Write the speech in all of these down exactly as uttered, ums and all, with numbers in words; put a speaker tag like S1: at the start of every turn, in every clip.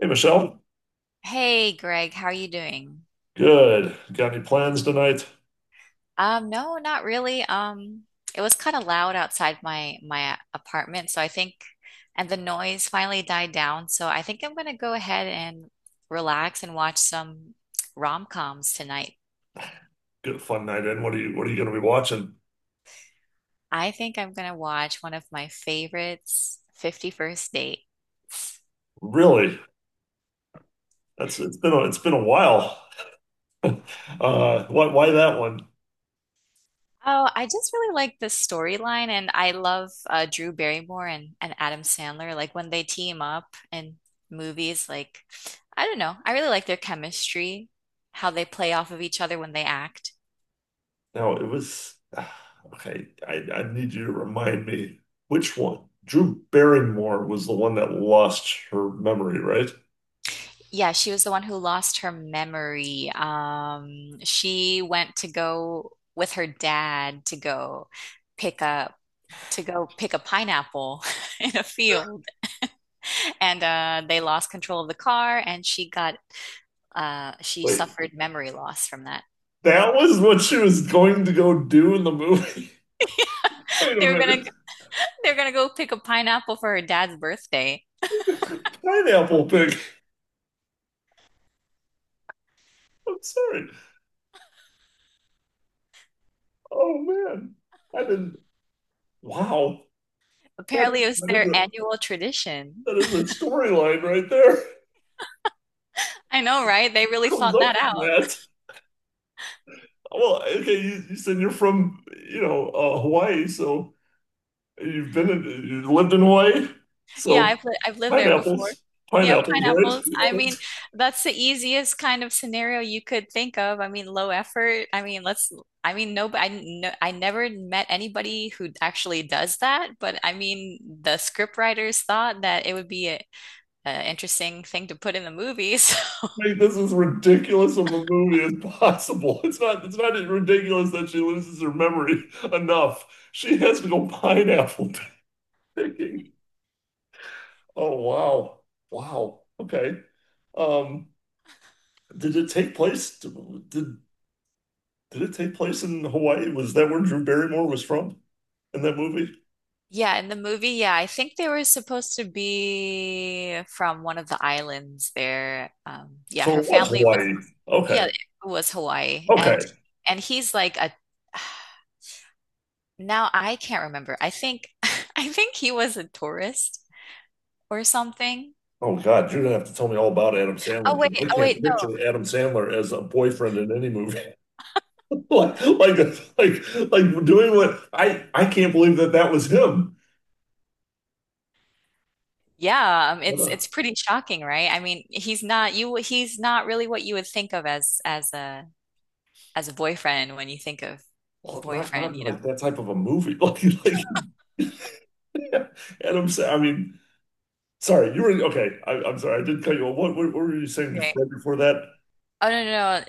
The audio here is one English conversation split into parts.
S1: Hey Michelle,
S2: Hey Greg, how are you doing?
S1: good. Got any plans tonight?
S2: Um, no, not really. Um, it was kind of loud outside my my apartment, so I think, and the noise finally died down, so I think I'm gonna go ahead and relax and watch some rom-coms tonight.
S1: Good fun night in. What are you What are you going to be watching?
S2: I think I'm gonna watch one of my favorites, Fifty First First Dates.
S1: Really? That's it's been a, it's been a while. Uh, why why that one?
S2: Oh, I just really like the storyline, and I love uh, Drew Barrymore and, and Adam Sandler. Like when they team up in movies, like I don't know, I really like their chemistry, how they play off of each other when they act.
S1: No, it was okay. I I need you to remind me which one. Drew Barrymore was the one that lost her memory, right?
S2: Yeah, she was the one who lost her memory. Um, she went to go with her dad to go pick up to go pick a pineapple in a field, and uh, they lost control of the car, and she got uh, she
S1: Wait,
S2: suffered memory loss from that.
S1: that was what she was going to go do in the movie. Wait a
S2: They were gonna
S1: minute,
S2: they were gonna go pick a pineapple for her dad's birthday.
S1: pineapple pig. I'm sorry. Oh man, I didn't. Wow. That's,
S2: Apparently, it was
S1: that is
S2: their
S1: a,
S2: annual tradition.
S1: that is a storyline right there.
S2: I know, right? They really
S1: Who comes
S2: thought
S1: up
S2: that
S1: with
S2: out.
S1: that? Well, okay, you, you said you're from, you know, uh, Hawaii, so you've been in, you lived in Hawaii,
S2: Yeah,
S1: so
S2: I've li I've lived there before.
S1: pineapples,
S2: Yeah,
S1: pineapples, right?
S2: pineapples.
S1: Yeah,
S2: I mean,
S1: that's-
S2: that's the easiest kind of scenario you could think of. I mean, low effort. I mean, let's. I mean, no, I no, I never met anybody who actually does that. But I mean, the scriptwriters thought that it would be a, a interesting thing to put in the movie. So
S1: Like, this is ridiculous of a movie as possible. It's not, it's not ridiculous that she loses her memory enough. She has to go pineapple picking. Oh, wow. Wow. Okay. Um, did it take place? Did Did it take place in Hawaii? Was that where Drew Barrymore was from in that movie?
S2: yeah, in the movie, yeah, I think they were supposed to be from one of the islands there. Um, yeah,
S1: So
S2: her
S1: it was
S2: family was,
S1: Hawaii.
S2: yeah,
S1: Okay.
S2: it was Hawaii, and
S1: Okay.
S2: and he's like a. Now I can't remember. I think I think he was a tourist or something.
S1: Oh God, you're gonna have to tell me all about Adam
S2: Oh
S1: Sandler.
S2: wait,
S1: I
S2: oh wait,
S1: can't
S2: no.
S1: picture Adam Sandler as a boyfriend in any movie. like, like, like, like doing what I I can't believe that that was him.
S2: Yeah, um,
S1: What
S2: it's
S1: a
S2: it's pretty shocking, right? I mean, he's not you. He's not really what you would think of as as a as a boyfriend when you think of
S1: well, not
S2: boyfriend,
S1: not
S2: you know?
S1: like that type of a movie. Like, like Adam Sandler. I mean, sorry, you were okay. I, I'm sorry, I did cut you off. What, what, what were you saying
S2: Right.
S1: before, before that?
S2: Oh no, no, no.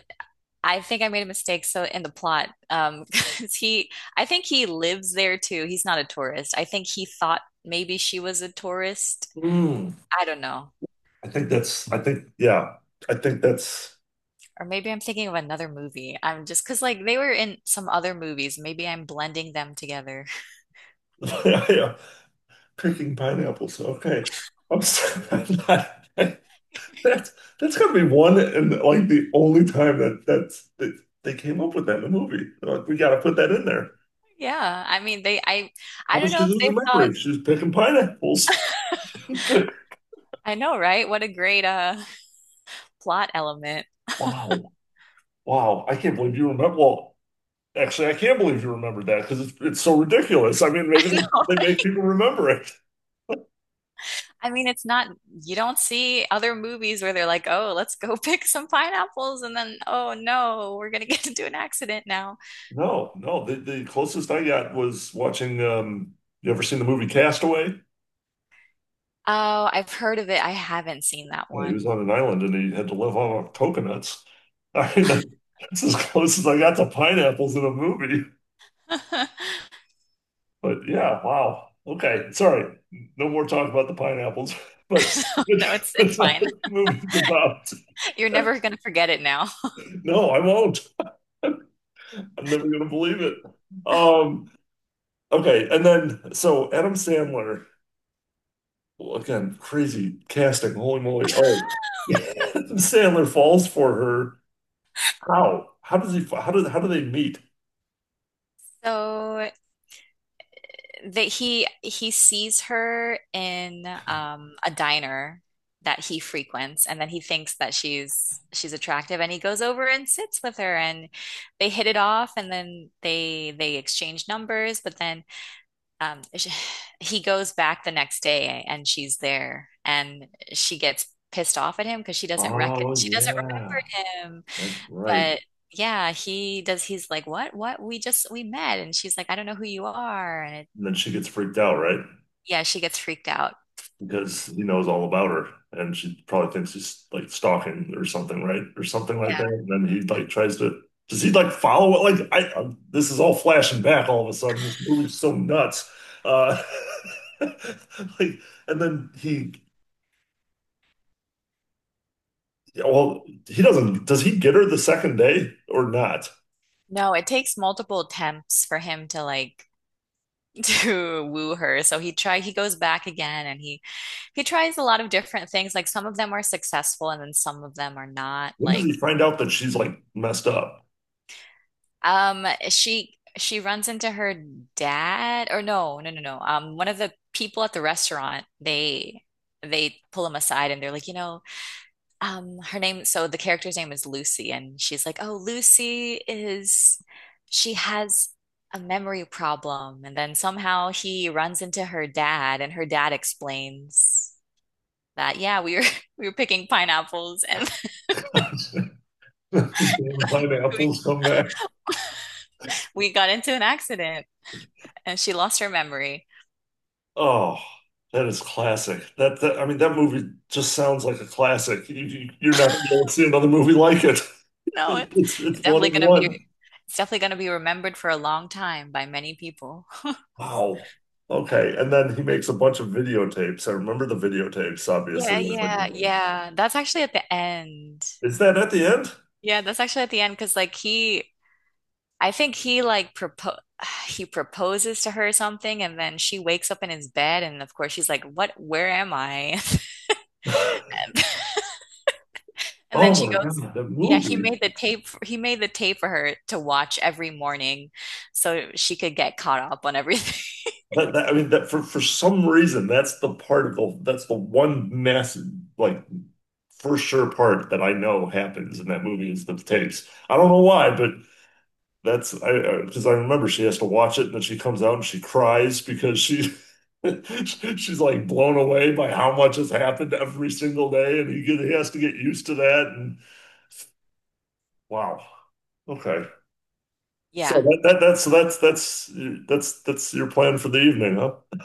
S2: I think I made a mistake so in the plot um 'cause he I think he lives there too. He's not a tourist. I think he thought maybe she was a tourist.
S1: Mm.
S2: I don't know.
S1: I think that's, I think, yeah, I think that's,
S2: Or maybe I'm thinking of another movie. I'm just because like they were in some other movies. Maybe I'm blending them together.
S1: yeah, picking pineapples. Okay. I'm sorry. I'm not- that's, that's gotta be one and like the only time that that's, that they came up with that in a movie. They're like, we gotta put that in there.
S2: Yeah, I mean they I
S1: How
S2: I don't
S1: does she
S2: know if
S1: lose her
S2: they thought.
S1: memory? She's picking pineapples.
S2: I know, right? What a great uh plot element.
S1: Wow. Wow. I can't believe you remember. Well, actually, I can't believe you remembered that because it's, it's so ridiculous. I mean,
S2: I
S1: maybe
S2: know.
S1: they make people remember it.
S2: I mean, it's not, you don't see other movies where they're like, oh, let's go pick some pineapples. And then, oh no, we're going to get into an accident now.
S1: No, no. The the closest I got was watching. Um, you ever seen the movie Castaway? Uh,
S2: Oh, I've heard of it. I haven't seen that
S1: He was
S2: one.
S1: on an island and he had to live off of coconuts. I mean, that- that's as close as I got to pineapples in a movie. But yeah, wow. Okay, sorry. No more talk about the pineapples. But
S2: So,
S1: but
S2: no, it's it's
S1: that's not
S2: fine.
S1: what the movie's about.
S2: You're never going to forget it now.
S1: No, I won't. I'm never gonna believe it. Um, okay, and then so Adam Sandler, well, again, crazy casting. Holy moly! Oh, Sandler falls for her. How? How does he? How do? How do they meet?
S2: So that he he sees her in um a diner that he frequents, and then he thinks that she's she's attractive, and he goes over and sits with her, and they hit it off, and then they they exchange numbers. But then um sh he goes back the next day, and she's there, and she gets pissed off at him because she doesn't rec
S1: Oh
S2: she doesn't
S1: yeah,
S2: remember him,
S1: that's right.
S2: but yeah, he does. He's like, "What? What? We just we met." And she's like, "I don't know who you are." And
S1: And then she gets freaked out, right?
S2: yeah, she gets freaked out.
S1: Because he knows all about her, and she probably thinks he's like stalking or something, right? Or something like that.
S2: Yeah.
S1: And then he like tries to. Does he like follow it? Like I, i this is all flashing back all of a sudden. This movie's so nuts. Uh, like, and then he well, he doesn't. Does he get her the second day or not?
S2: No, it takes multiple attempts for him to like to woo her. So he try he goes back again, and he he tries a lot of different things. Like some of them are successful, and then some of them are not.
S1: When does
S2: Like
S1: he find out that she's like messed up?
S2: um she she runs into her dad or no, no, no, no. Um, one of the people at the restaurant, they they pull him aside, and they're like, "You know, um, her name, so the character's name is Lucy, and she's like, oh, Lucy is she has a memory problem." And then somehow he runs into her dad, and her dad explains that yeah, we were we were picking pineapples, and
S1: Damn
S2: we,
S1: pineapples come back.
S2: we got into an accident, and she lost her memory.
S1: Oh, that is classic. That, that I mean, that movie just sounds like a classic. You, you, you're not going to see another movie like it.
S2: No, it's
S1: It's it's one
S2: definitely
S1: of
S2: gonna be
S1: one.
S2: it's definitely gonna be remembered for a long time by many people.
S1: Wow. Okay, and then he makes a bunch of videotapes. I remember the videotapes,
S2: Yeah
S1: obviously. That's like
S2: yeah
S1: the thing.
S2: yeah, that's actually at the end.
S1: Is that at the end?
S2: Yeah, that's actually at the end because like he I think he like propo he proposes to her something, and then she wakes up in his bed, and of course she's like, "What? Where am I?" And then
S1: Oh
S2: she
S1: my
S2: goes,
S1: God, that
S2: "Yeah, he
S1: movie.
S2: made the tape f- he made the tape for her to watch every morning so she could get caught up on everything."
S1: That, that I mean that for for some reason that's the part of the that's the one massive like for sure part that I know happens in that movie is the tapes. I don't know why, but that's I because I, 'cause I remember she has to watch it and then she comes out and she cries because she she's like blown away by how much has happened every single day and he get, he has to get used to that and wow. Okay. So
S2: Yeah.
S1: that, that that's so that's that's that's that's your plan for the evening, huh?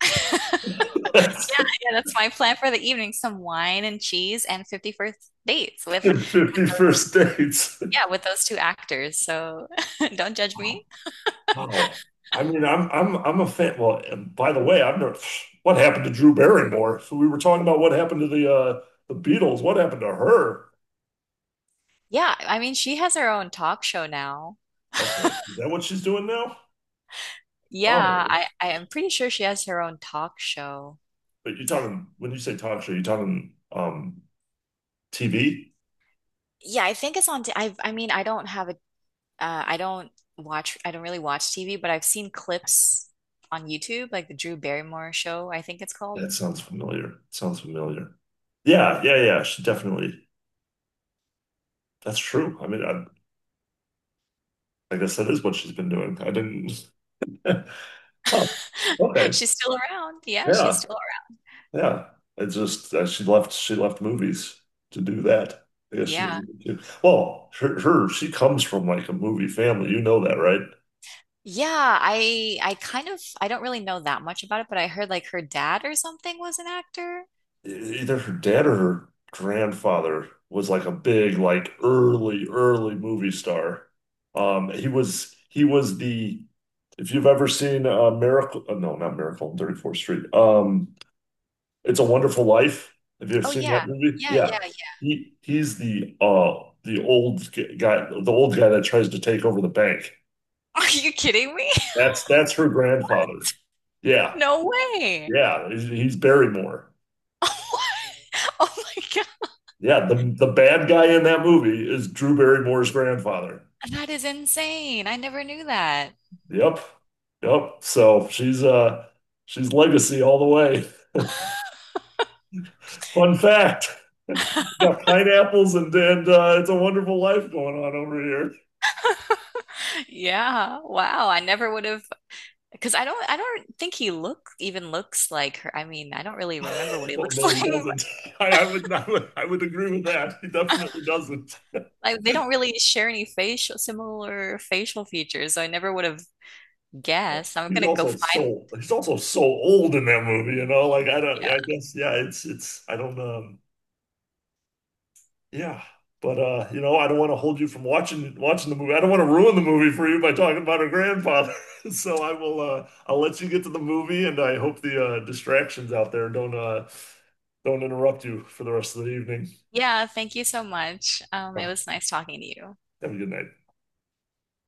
S1: That's
S2: Yeah, that's my plan for the evening, some wine and cheese and fifty first dates with with
S1: fifty
S2: those
S1: first dates.
S2: yeah, with those two actors. So don't judge me.
S1: Wow. I mean, I'm I'm I'm a fan. Well, and by the way, I'm not, what happened to Drew Barrymore? So we were talking about what happened to the uh the Beatles. What happened to her?
S2: Yeah, I mean, she has her own talk show now.
S1: Okay, is that what she's doing now?
S2: Yeah,
S1: Oh,
S2: I I am pretty sure she has her own talk show.
S1: but you're talking when you say talk show, you're talking um T V?
S2: Yeah, I think it's on. t- I I mean, I don't have a. Uh, I don't watch. I don't really watch T V, but I've seen clips on YouTube, like the Drew Barrymore show, I think it's called.
S1: That sounds familiar. Sounds familiar. Yeah, yeah, yeah. She definitely. That's true. I mean, I, I guess that is what she's been doing. I didn't. Huh. Okay.
S2: She's still around. Yeah, she's
S1: Yeah.
S2: still around.
S1: Yeah, it's just uh, she left. She left movies to do that. I guess she
S2: Yeah.
S1: doesn't. she- Well, her, her she comes from like a movie family. You know that, right?
S2: Yeah, I I kind of I don't really know that much about it, but I heard like her dad or something was an actor.
S1: E- Either her dad or her grandfather was like a big, like early, early movie star. Um, he was he was the if you've ever seen uh, Miracle, uh, no, not Miracle on thirty-fourth Street. Um, It's a Wonderful Life. Have you ever
S2: Oh
S1: seen
S2: yeah.
S1: that movie?
S2: Yeah,
S1: Yeah.
S2: yeah, yeah.
S1: He he's the uh the old g- guy, the old guy that tries to take over the bank.
S2: Are you kidding me?
S1: That's that's her grandfather. Yeah.
S2: No way.
S1: Yeah, he's, he's Barrymore.
S2: Oh my God.
S1: Yeah, the the bad guy in that movie is Drew Barrymore's grandfather.
S2: That is insane. I never knew that.
S1: Yep. Yep. So she's uh she's legacy all the way. Fun fact. Got pineapples and and uh, it's a wonderful life going on over here.
S2: Yeah. Wow. I never would have because I don't I don't think he look even looks like her. I mean, I don't really remember what he
S1: Well,
S2: looks
S1: no, he
S2: like.
S1: doesn't. I, I would, I would, I would agree with that. He definitely doesn't.
S2: Like they don't really share any facial similar facial features, so I never would have guessed. I'm
S1: He's
S2: gonna go
S1: also
S2: find.
S1: so, he's also so old in that movie, you know. Like I don't, I guess, yeah, it's, it's, I don't, um, yeah. But uh, you know, I don't want to hold you from watching, watching the movie. I don't want to ruin the movie for you by talking about her grandfather. So I will, uh, I'll let you get to the movie, and I hope the uh, distractions out there don't, uh, don't interrupt you for the rest of the evening.
S2: Yeah, thank you so much. Um,
S1: All
S2: it
S1: right,
S2: was nice talking to you.
S1: have a good night.